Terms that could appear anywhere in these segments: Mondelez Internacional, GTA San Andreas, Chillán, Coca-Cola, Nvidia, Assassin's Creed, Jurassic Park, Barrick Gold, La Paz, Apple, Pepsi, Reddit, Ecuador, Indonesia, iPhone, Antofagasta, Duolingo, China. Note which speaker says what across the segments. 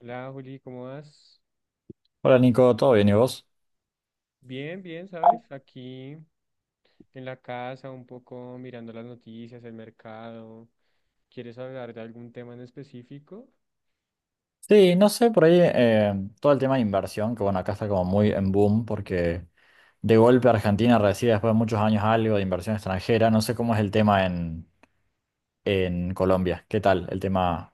Speaker 1: Hola Juli, ¿cómo vas?
Speaker 2: Hola Nico, ¿todo bien y vos?
Speaker 1: Bien, bien, ¿sabes? Aquí en la casa, un poco mirando las noticias, el mercado. ¿Quieres hablar de algún tema en específico?
Speaker 2: Sí, no sé, por ahí todo el tema de inversión, que bueno, acá está como muy en boom porque de golpe Argentina recibe después de muchos años algo de inversión extranjera. No sé cómo es el tema en Colombia. ¿Qué tal el tema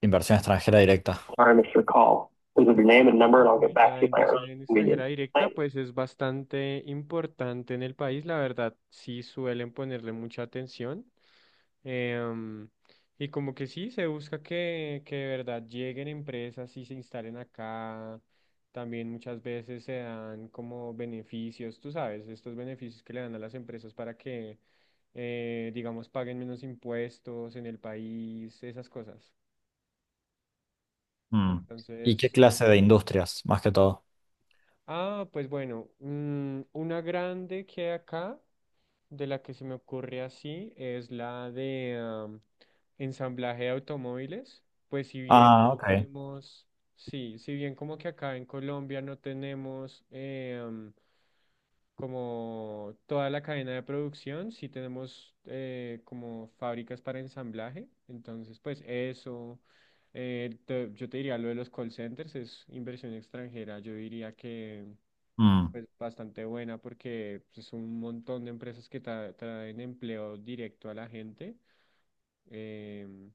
Speaker 2: inversión extranjera directa? Sorry, Mr. Call. Please leave your name and number, and I'll get
Speaker 1: Uy,
Speaker 2: back
Speaker 1: la
Speaker 2: to you by
Speaker 1: inversión
Speaker 2: earliest
Speaker 1: en
Speaker 2: convenience.
Speaker 1: extranjera directa
Speaker 2: Thanks.
Speaker 1: pues es bastante importante en el país, la verdad, sí suelen ponerle mucha atención. em, y como que sí, se busca que de verdad lleguen empresas y se instalen acá. También muchas veces se dan como beneficios, tú sabes, estos beneficios que le dan a las empresas para que, digamos, paguen menos impuestos en el país, esas cosas.
Speaker 2: Mm. ¿Y qué
Speaker 1: Entonces,
Speaker 2: clase de industrias, más que todo?
Speaker 1: ah, pues bueno, una grande que hay acá, de la que se me ocurre así, es la de ensamblaje de automóviles. Pues si bien
Speaker 2: Ah,
Speaker 1: no
Speaker 2: ok.
Speaker 1: tenemos, sí, si bien como que acá en Colombia no tenemos como toda la cadena de producción, sí tenemos como fábricas para ensamblaje. Entonces, pues eso, yo te diría lo de los call centers, es inversión extranjera, yo diría que...
Speaker 2: Mm.
Speaker 1: Pues bastante buena porque es un montón de empresas que traen empleo directo a la gente. Em,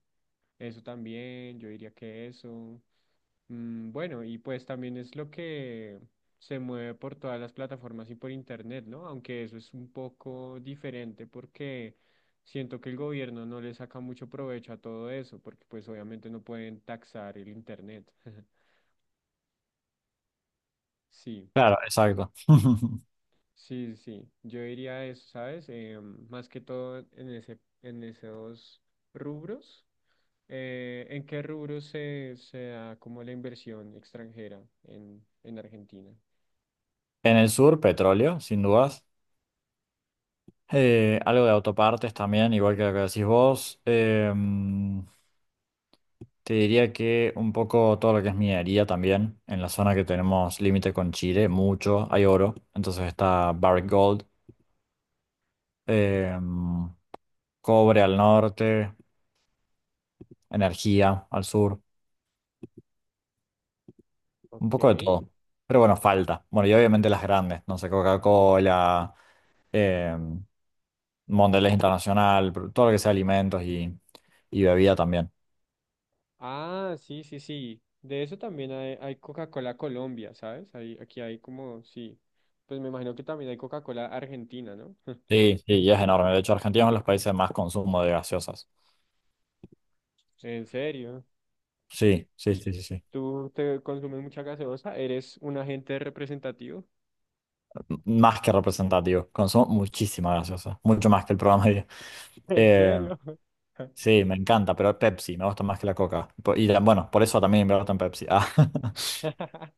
Speaker 1: eso también, yo diría que eso. Bueno, y pues también es lo que se mueve por todas las plataformas y por internet, ¿no? Aunque eso es un poco diferente porque siento que el gobierno no le saca mucho provecho a todo eso porque pues obviamente no pueden taxar el internet. Sí.
Speaker 2: Claro, exacto.
Speaker 1: Sí, sí, sí. Yo diría eso, ¿sabes? Más que todo en ese, en esos rubros. ¿En qué rubros se da como la inversión extranjera en Argentina?
Speaker 2: En el sur, petróleo, sin dudas. Algo de autopartes también, igual que lo que decís vos. Te diría que un poco todo lo que es minería también, en la zona que tenemos límite con Chile, mucho, hay oro, entonces está Barrick Gold, em, cobre al norte, energía al sur, un
Speaker 1: Ok.
Speaker 2: poco de todo. Pero bueno, falta. Bueno, y obviamente las grandes, no sé, Coca-Cola, em, Mondelez Internacional, todo lo que sea alimentos y bebida también.
Speaker 1: Ah, sí, sí, sí. De eso también hay Coca-Cola Colombia, ¿sabes? Hay, aquí hay como, sí. Pues me imagino que también hay Coca-Cola Argentina, ¿no?
Speaker 2: Sí, sí, y es enorme. De hecho, Argentina es uno de los países más consumo de gaseosas.
Speaker 1: En serio.
Speaker 2: Sí, sí, sí, sí, sí.
Speaker 1: ¿Tú te consumes mucha gaseosa? ¿Eres un agente representativo?
Speaker 2: Más que representativo. Consumo muchísima gaseosa. Mucho más que el programa.
Speaker 1: ¿En
Speaker 2: Eh,
Speaker 1: serio?
Speaker 2: sí, me encanta, pero Pepsi me gusta más que la Coca. Y bueno, por eso también me gusta en Pepsi. Ah,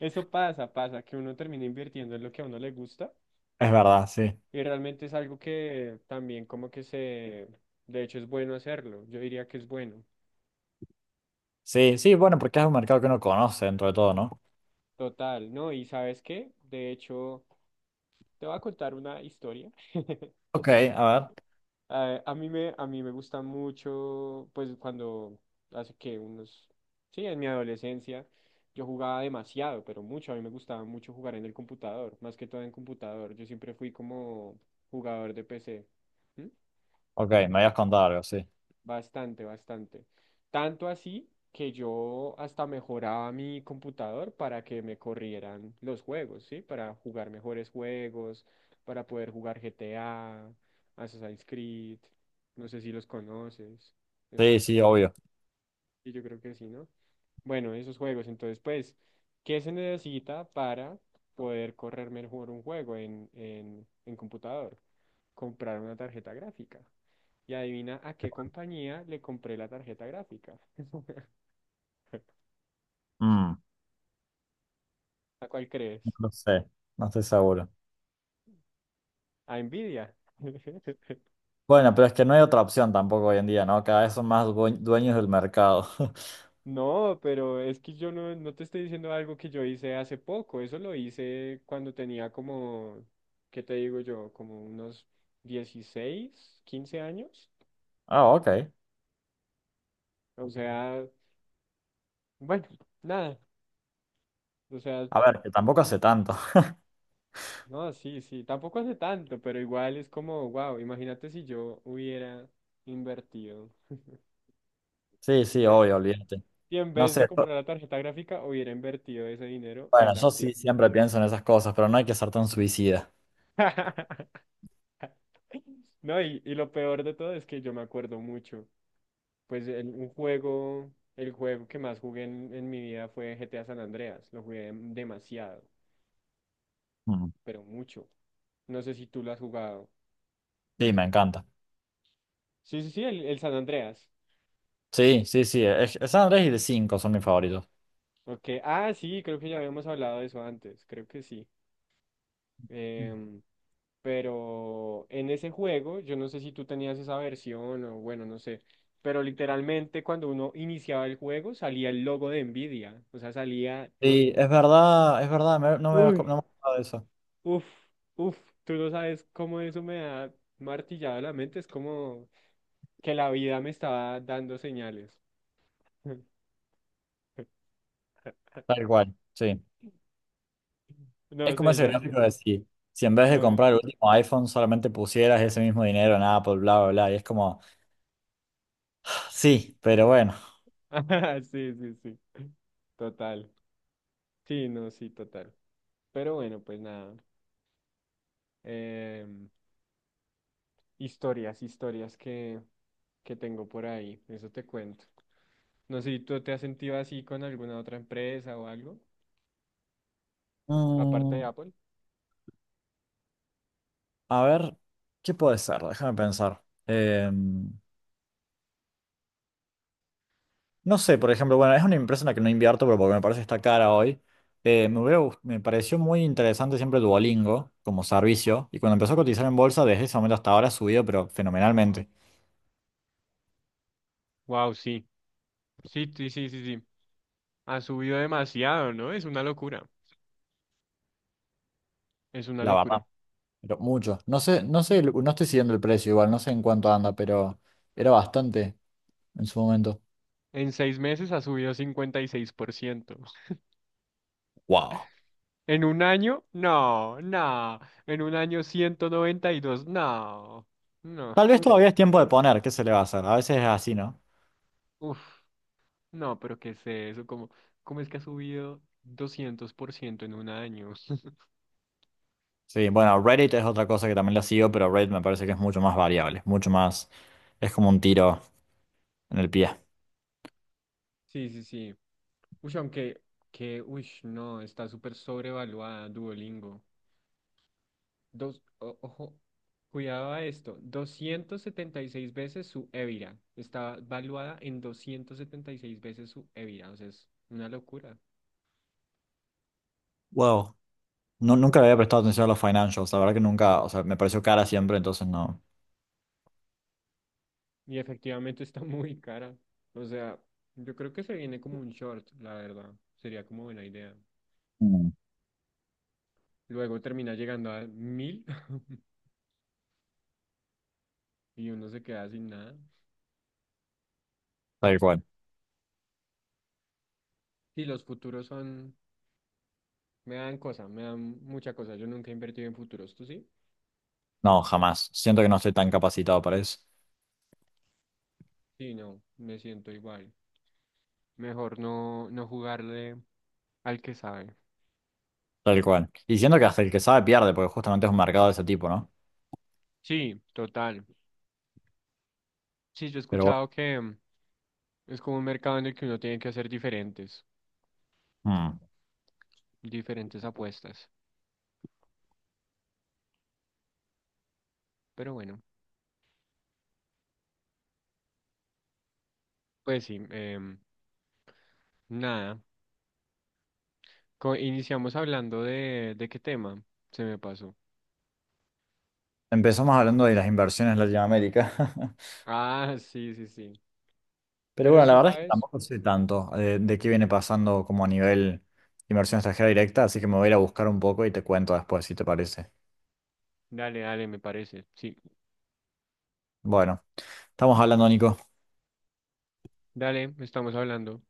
Speaker 1: Eso pasa, pasa, que uno termina invirtiendo en lo que a uno le gusta
Speaker 2: es verdad, sí.
Speaker 1: y realmente es algo que también como que se, de hecho es bueno hacerlo, yo diría que es bueno,
Speaker 2: Sí, sí, bueno, porque es un mercado que uno conoce dentro de todo, ¿no?
Speaker 1: total, ¿no? Y ¿sabes qué? De hecho, te voy a contar una historia.
Speaker 2: Ok, a ver.
Speaker 1: A mí me gusta mucho, pues cuando hace que unos, sí, en mi adolescencia yo jugaba demasiado, pero mucho, a mí me gustaba mucho jugar en el computador, más que todo en computador, yo siempre fui como jugador de PC. ¿Mm?
Speaker 2: Ok, me habías contado algo, sí.
Speaker 1: Bastante, bastante. Tanto así que yo hasta mejoraba mi computador para que me corrieran los juegos, ¿sí? Para jugar mejores juegos, para poder jugar GTA, Assassin's Creed, no sé si los conoces, esos
Speaker 2: Sí,
Speaker 1: juegos.
Speaker 2: sí, obvio.
Speaker 1: Y yo creo que sí, ¿no? Bueno, esos juegos. Entonces, pues, ¿qué se necesita para poder correr mejor un juego en computador? Comprar una tarjeta gráfica. Y adivina a qué compañía le compré la tarjeta gráfica.
Speaker 2: Mm,
Speaker 1: ¿A cuál crees?
Speaker 2: no lo sé, no estoy seguro.
Speaker 1: A Nvidia.
Speaker 2: Bueno, pero es que no hay otra opción tampoco hoy en día, ¿no? Cada vez son más dueños del mercado.
Speaker 1: No, pero es que yo no te estoy diciendo algo que yo hice hace poco. Eso lo hice cuando tenía como, ¿qué te digo yo? Como unos 16 15 años.
Speaker 2: Ah, ok.
Speaker 1: O sea, bueno, nada. O sea,
Speaker 2: A ver, que tampoco hace tanto.
Speaker 1: no, sí, sí. Tampoco hace tanto, pero igual es como, wow, imagínate si yo hubiera invertido.
Speaker 2: Sí, sí,
Speaker 1: Espérate,
Speaker 2: obvio, olvídate.
Speaker 1: y en
Speaker 2: No
Speaker 1: vez de
Speaker 2: sé,
Speaker 1: comprar la tarjeta gráfica, hubiera invertido ese dinero en
Speaker 2: bueno,
Speaker 1: la
Speaker 2: yo
Speaker 1: acción.
Speaker 2: sí siempre pienso en esas cosas, pero no hay que ser tan suicida.
Speaker 1: No, y lo peor de todo es que yo me acuerdo mucho. Pues un juego, el juego que más jugué en mi vida fue GTA San Andreas. Lo jugué demasiado,
Speaker 2: Mm.
Speaker 1: pero mucho. No sé si tú lo has jugado.
Speaker 2: Sí, me encanta.
Speaker 1: Sí, sí, sí, el San Andreas.
Speaker 2: Sí, sí, sí. Es San Andrés y de 5 son mis favoritos.
Speaker 1: Ok, ah, sí, creo que ya habíamos hablado de eso antes, creo que sí.
Speaker 2: Mm.
Speaker 1: Em, Pero en ese juego, yo no sé si tú tenías esa versión o bueno, no sé, pero literalmente cuando uno iniciaba el juego salía el logo de Nvidia, o sea, salía,
Speaker 2: Sí, es verdad, no me había
Speaker 1: uy,
Speaker 2: no me había acordado de eso.
Speaker 1: uf, uf, tú no sabes cómo eso me ha martillado la mente, es como que la vida me estaba dando señales.
Speaker 2: Tal cual, sí. Es
Speaker 1: No
Speaker 2: como
Speaker 1: sé,
Speaker 2: ese
Speaker 1: yo
Speaker 2: gráfico de si en vez de
Speaker 1: lo veo.
Speaker 2: comprar el último iPhone solamente pusieras ese mismo dinero en Apple, bla, bla, bla, y es como...
Speaker 1: Ujú.
Speaker 2: Sí, pero bueno.
Speaker 1: Ajá, sí, sí, sí, total. Sí, no, sí, total. Pero bueno, pues nada. em, historias, historias que tengo por ahí. Eso te cuento. No sé si tú te has sentido así con alguna otra empresa o algo, aparte
Speaker 2: Mm,
Speaker 1: de Apple.
Speaker 2: a ver, ¿qué puede ser? Déjame pensar. No sé, por ejemplo, bueno, es una empresa en la que no invierto, pero porque me parece que está cara hoy. Me pareció muy interesante siempre Duolingo como servicio. Y cuando empezó a cotizar en bolsa, desde ese momento hasta ahora ha subido, pero fenomenalmente,
Speaker 1: Wow, sí. Sí, sí, sí, sí, sí. Ha subido demasiado, ¿no? Es una locura. Es una
Speaker 2: la verdad.
Speaker 1: locura.
Speaker 2: Pero mucho. No sé, no sé, no estoy siguiendo el precio igual, no sé en cuánto anda, pero era bastante en su momento.
Speaker 1: En 6 meses ha subido 56%.
Speaker 2: Wow.
Speaker 1: En un año, no, no. En un año, 192 no. No,
Speaker 2: Tal
Speaker 1: es
Speaker 2: vez
Speaker 1: que,
Speaker 2: todavía es tiempo de poner, ¿qué se le va a hacer? A veces es así, ¿no?
Speaker 1: uf, no, pero qué sé eso, como, ¿cómo es que ha subido 200% en un año?
Speaker 2: Sí, bueno, Reddit es otra cosa que también la sigo, pero Reddit me parece que es mucho más variable, mucho más, es como un tiro en el pie.
Speaker 1: Sí, sí, sí. Uy, aunque, uy, no, está súper sobrevaluada Duolingo. Ojo, cuidado a esto, 276 veces su Evira. Está valuada en 276 veces su Evira, o sea, es una locura.
Speaker 2: Wow. No, nunca le había prestado atención a los financials, la verdad que nunca, o sea, me pareció cara siempre, entonces no.
Speaker 1: Y efectivamente está muy cara. O sea, yo creo que se viene como un short, la verdad. Sería como buena idea.
Speaker 2: Mm.
Speaker 1: Luego termina llegando a 1.000 y uno se queda sin nada.
Speaker 2: Tal cual.
Speaker 1: Sí, los futuros son. Me dan cosas, me dan mucha cosa. Yo nunca he invertido en futuros, ¿tú sí?
Speaker 2: No, jamás. Siento que no estoy tan capacitado para eso.
Speaker 1: Sí, no, me siento igual. Mejor no, no jugarle al que sabe.
Speaker 2: Tal cual. Y siento que hasta el que sabe pierde, porque justamente es un mercado de ese tipo, ¿no?
Speaker 1: Sí, total. Sí, yo he
Speaker 2: Pero bueno.
Speaker 1: escuchado que es como un mercado en el que uno tiene que hacer
Speaker 2: Mm.
Speaker 1: diferentes apuestas. Pero bueno, pues sí, em, nada. Iniciamos hablando de qué tema se me pasó.
Speaker 2: Empezamos hablando de las inversiones en Latinoamérica.
Speaker 1: Ah, sí, sí, sí.
Speaker 2: Pero
Speaker 1: Pero
Speaker 2: bueno, la
Speaker 1: sí,
Speaker 2: verdad es que
Speaker 1: ¿sabes?
Speaker 2: tampoco sé tanto qué viene pasando como a nivel inversión extranjera directa, así que me voy a ir a buscar un poco y te cuento después, si te parece.
Speaker 1: Dale, dale, me parece. Sí,
Speaker 2: Bueno, estamos hablando, Nico.
Speaker 1: dale, estamos hablando.